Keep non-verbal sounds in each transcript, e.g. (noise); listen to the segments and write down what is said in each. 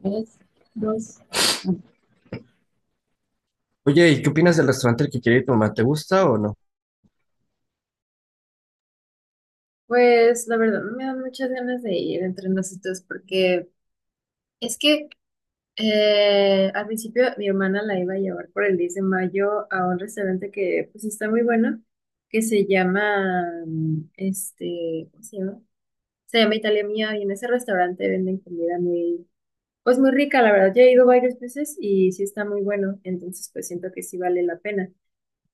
Tres, dos. Oye, ¿y qué opinas del restaurante al que quiere ir tu mamá? ¿Te gusta o no? Pues la verdad, me dan muchas ganas de ir entre nosotros porque es que al principio mi hermana la iba a llevar por el 10 de mayo a un restaurante que pues está muy bueno, que se llama, ¿cómo se llama? Se llama Italia Mía, y en ese restaurante venden comida muy, pues muy rica, la verdad. Yo he ido varias veces y sí está muy bueno, entonces pues siento que sí vale la pena.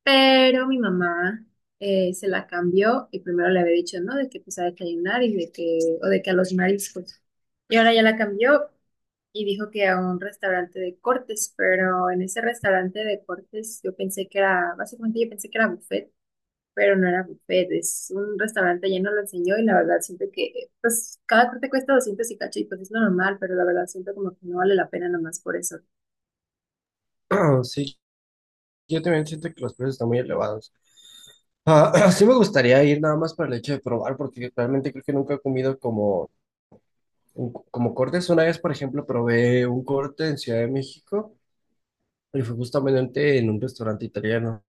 Pero mi mamá se la cambió, y primero le había dicho, ¿no? De que pues a desayunar, y de que, o de que a los mariscos. Y ahora ya la cambió y dijo que a un restaurante de cortes, pero en ese restaurante de cortes yo pensé que era, básicamente yo pensé que era buffet, pero no era buffet, es un restaurante, ya no lo enseñó, y la verdad siento que, pues cada corte cuesta 200 y cacho y pues es normal, pero la verdad siento como que no vale la pena nomás por eso. (clears throat) Sí, yo también siento que los precios están muy elevados. Ah, (clears throat) sí me gustaría ir nada más para el hecho de probar, porque realmente creo que nunca he comido como, como cortes. Una vez, por ejemplo, probé un corte en Ciudad de México y fue justamente en un restaurante italiano.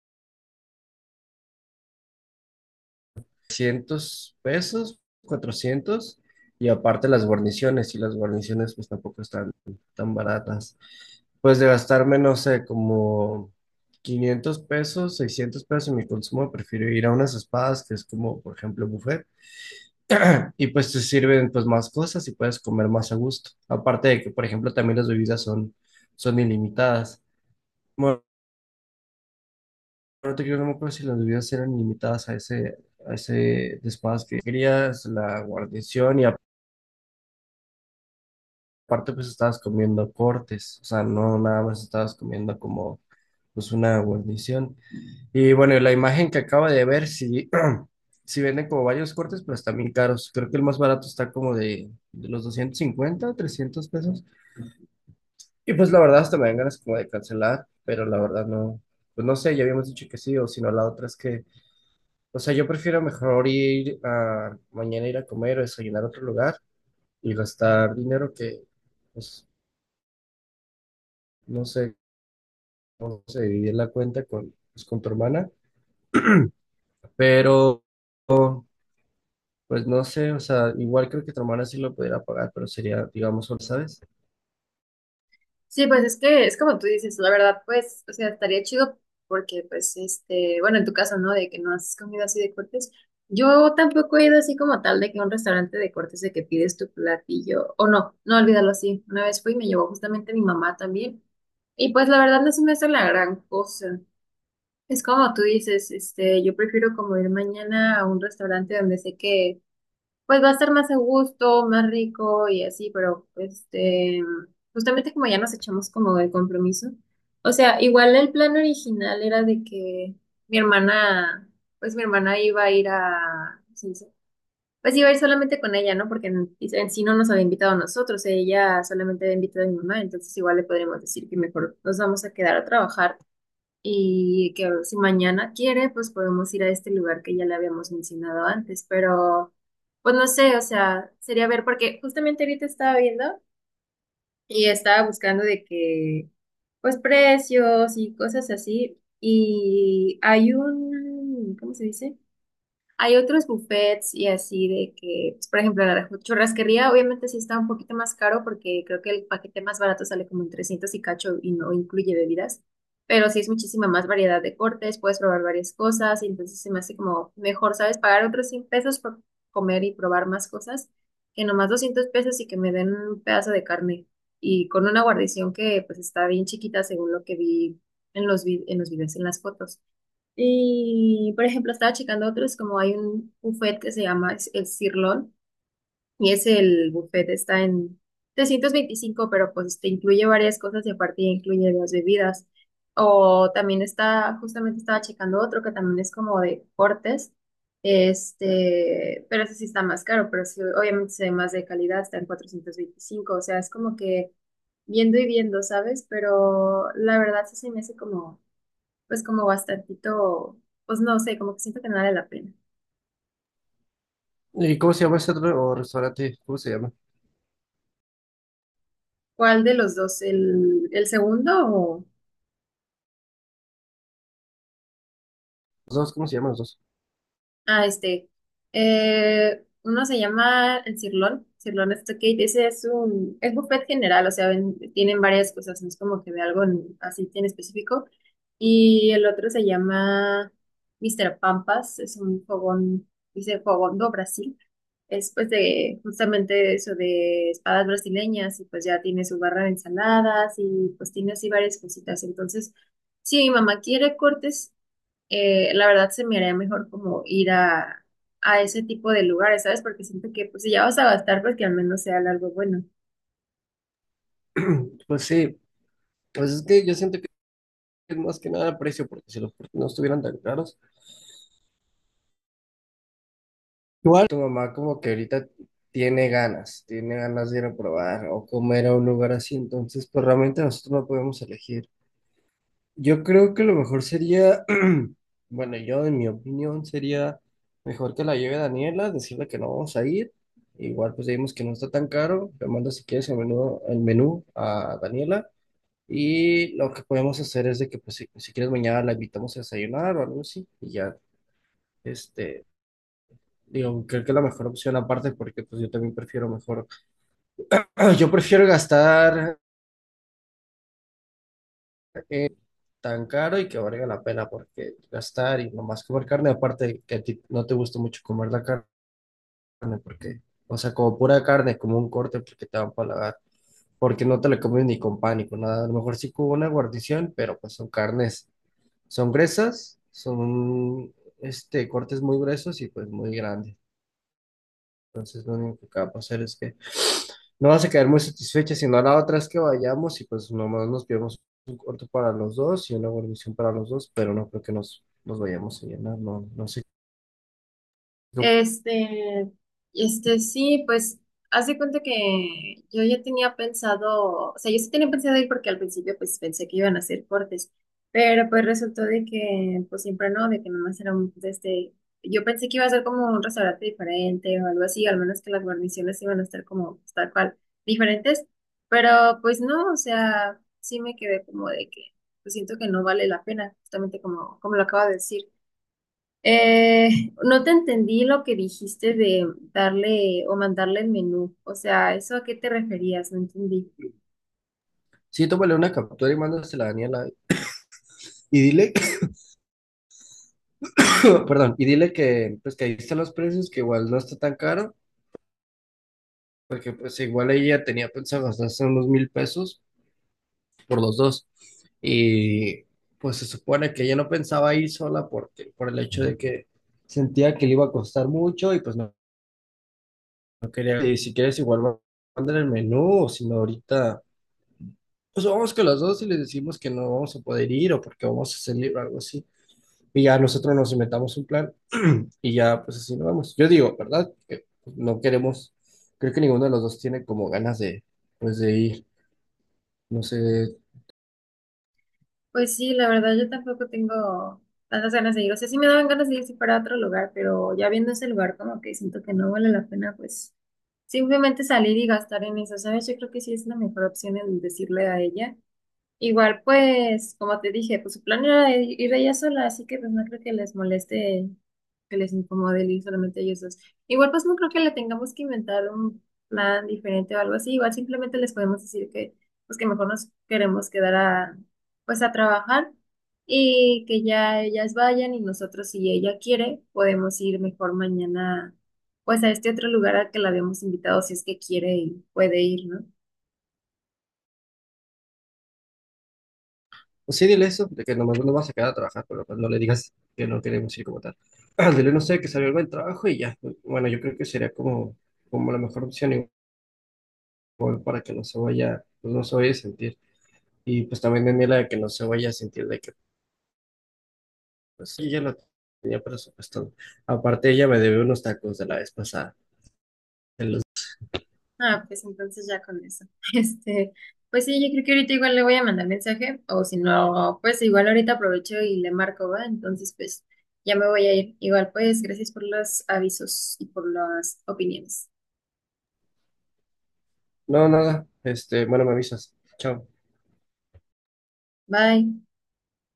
300 pesos, 400, y aparte las guarniciones, y las guarniciones pues tampoco están tan baratas. Pues de gastarme, no sé, como 500 pesos, 600 pesos en mi consumo, prefiero ir a unas espadas, que es como, por ejemplo, buffet, (clears throat) y pues te sirven pues más cosas y puedes comer más a gusto. Aparte de que, por ejemplo, también las bebidas son, ilimitadas. Bueno, pero te quiero no me acuerdo si las bebidas eran limitadas a ese despacho que querías, la guarnición, y aparte pues estabas comiendo cortes, o sea, no nada más estabas comiendo como pues una guarnición. Y bueno, y la imagen que acaba de ver, sí, (clears throat) sí venden como varios cortes, pero están bien caros. Creo que el más barato está como de los 250 300 pesos. Y pues la verdad hasta me dan ganas como de cancelar, pero la verdad no, pues no sé, ya habíamos dicho que sí, o si no, la otra es que o sea, yo prefiero mejor ir a mañana ir a comer o desayunar a otro lugar y gastar dinero que, pues, no sé cómo se divide la cuenta con, pues, con tu hermana, pero, pues, no sé, o sea, igual creo que tu hermana sí lo pudiera pagar, pero sería, digamos, solo, ¿sabes? Sí, pues es que es como tú dices, la verdad, pues, o sea, estaría chido porque, pues, este, bueno, en tu caso, ¿no? De que no has comido así de cortes. Yo tampoco he ido así como tal de que a un restaurante de cortes de que pides tu platillo, o no, no olvidarlo así. Una vez fui y me llevó justamente mi mamá también. Y pues la verdad no se me hace la gran cosa. Es como tú dices, este, yo prefiero como ir mañana a un restaurante donde sé que pues va a ser más a gusto, más rico y así, pero este, justamente como ya nos echamos como el compromiso. O sea, igual el plan original era de que mi hermana, pues mi hermana iba a ir a, ¿cómo se dice? Pues iba a ir solamente con ella, ¿no? Porque en sí no nos había invitado a nosotros, ella solamente había invitado a mi mamá, entonces igual le podríamos decir que mejor nos vamos a quedar a trabajar y que si mañana quiere, pues podemos ir a este lugar que ya le habíamos mencionado antes, pero pues no sé, o sea, sería ver, porque justamente ahorita estaba viendo y estaba buscando de que, pues precios y cosas así, y hay un, ¿cómo se dice? Hay otros buffets y así de que, pues, por ejemplo, la churrasquería obviamente sí está un poquito más caro porque creo que el paquete más barato sale como en 300 y cacho y no incluye bebidas, pero sí es muchísima más variedad de cortes, puedes probar varias cosas y entonces se me hace como mejor, ¿sabes? Pagar otros 100 pesos por comer y probar más cosas que nomás 200 pesos y que me den un pedazo de carne y con una guarnición que pues está bien chiquita según lo que vi en los, en los videos, en las fotos. Y, por ejemplo, estaba checando otros, como hay un buffet que se llama el Cirlón, y es el buffet, está en 325, pero pues te incluye varias cosas y aparte ya incluye las bebidas. O también está, justamente estaba checando otro que también es como de cortes, este, pero ese sí está más caro, pero sí, obviamente se ve más de calidad, está en 425, o sea, es como que viendo y viendo, ¿sabes? Pero la verdad sí se me hace como pues como bastantito, pues no sé, como que siento que no vale la pena. ¿Y cómo se llama ese otro o restaurante? ¿Cómo se llama? ¿Cuál de los dos? El segundo o... Los dos, ¿cómo se llaman los dos? ah, este. Uno se llama el Cirlón. Cirlón Stockade. Ese es un... es buffet general, o sea, tienen varias cosas. No es como que de algo así en específico. Y el otro se llama Mr. Pampas. Es un fogón. Dice fogón do Brasil. Es pues de justamente eso de espadas brasileñas. Y pues ya tiene su barra de ensaladas. Y pues tiene así varias cositas. Entonces, si mi mamá quiere cortes, la verdad se me haría mejor como ir a ese tipo de lugares, ¿sabes? Porque siento que pues si ya vas a gastar, pues que al menos sea algo bueno. Pues sí, pues es que yo siento que es más que nada precio, porque si los precios no estuvieran tan caros, ¿cuál tu mamá como que ahorita tiene ganas, de ir a probar o comer a un lugar así? Entonces, pues realmente nosotros no podemos elegir. Yo creo que lo mejor sería, (clears throat) bueno, yo en mi opinión sería mejor que la lleve Daniela, decirle que no vamos a ir. Igual pues vimos que no está tan caro, le mando si quieres el menú, a Daniela y lo que podemos hacer es de que pues si quieres mañana la invitamos a desayunar o algo así y ya. Este, digo, creo que la mejor opción aparte, porque pues yo también prefiero mejor, (clears throat) yo prefiero gastar eh, tan caro y que valga la pena, porque gastar y nomás comer carne, aparte que a ti no te gusta mucho comer la carne, porque, o sea, como pura carne, como un corte, porque te va a empalagar, porque no te la comes ni con pan ni con nada, a lo mejor sí con una guarnición, pero pues son carnes, son gruesas, son este, cortes muy gruesos y pues muy grandes. Entonces, lo único que va a pasar es que no vas a quedar muy satisfecha, sino la otra es que vayamos y pues nomás nos pidamos un corto para los dos y una guarnición para los dos, pero no creo que nos vayamos a llenar, no, no sé. Este, sí, pues, haz de cuenta que yo ya tenía pensado, o sea, yo sí tenía pensado ir porque al principio, pues, pensé que iban a hacer cortes, pero pues resultó de que, pues, siempre no, de que nomás era un, de este, yo pensé que iba a ser como un restaurante diferente o algo así, al menos que las guarniciones iban a estar como, pues, tal cual, diferentes, pero pues no, o sea, sí me quedé como de que, pues, siento que no vale la pena, justamente como, como lo acabo de decir. No te entendí lo que dijiste de darle o mandarle el menú. O sea, ¿eso a qué te referías? No entendí. Sí, tómale una captura y mándasela a Daniela y dile, (coughs) perdón, y dile que pues que ahí están los precios, que igual no está tan caro, porque pues igual ella tenía pensado gastarse unos 1,000 pesos, por los dos. Y pues se supone que ella no pensaba ir sola porque, por el hecho de que sentía que le iba a costar mucho y pues no quería. Y si quieres, igual mandan el menú, o si no, ahorita, pues vamos con los dos y les decimos que no vamos a poder ir o porque vamos a salir o algo así. Y ya nosotros nos inventamos un plan y ya, pues así nos vamos. Yo digo, ¿verdad? Que no queremos, creo que ninguno de los dos tiene como ganas de, pues de ir. No sé. Pues sí, la verdad yo tampoco tengo tantas ganas de ir. O sea, sí me daban ganas de ir si fuera otro lugar, pero ya viendo ese lugar como que siento que no vale la pena, pues simplemente salir y gastar en eso, ¿sabes? Yo creo que sí es la mejor opción el decirle a ella. Igual, pues, como te dije, pues su plan era ir ella sola, así que pues no creo que les moleste, que les incomode el ir solamente ellos dos. Igual, pues no creo que le tengamos que inventar un plan diferente o algo así. Igual simplemente les podemos decir que, pues que mejor nos queremos quedar a, pues a trabajar, y que ya ellas vayan y nosotros, si ella quiere, podemos ir mejor mañana, pues a este otro lugar al que la habíamos invitado, si es que quiere y puede ir, ¿no? Pues sí, dile eso, de que nomás no vas a quedar a trabajar, pero pues no le digas que no queremos ir como tal. Ah, dile, no sé, que salió algo del trabajo y ya. Bueno, yo creo que sería como, como la mejor opción igual para que no se vaya, pues no se vaya a sentir. Y pues también Daniela, de que no se vaya a sentir de que, pues sí, ya lo tenía presupuestado. Aparte, ella me debe unos tacos de la vez pasada. de los- Ah, pues entonces ya con eso. (laughs) Este, pues sí, yo creo que ahorita igual le voy a mandar mensaje, o si no, pues igual ahorita aprovecho y le marco, ¿va? Entonces, pues ya me voy a ir. Igual, pues gracias por los avisos y por las opiniones. No, nada, este, bueno, me avisas. Chao. Bye.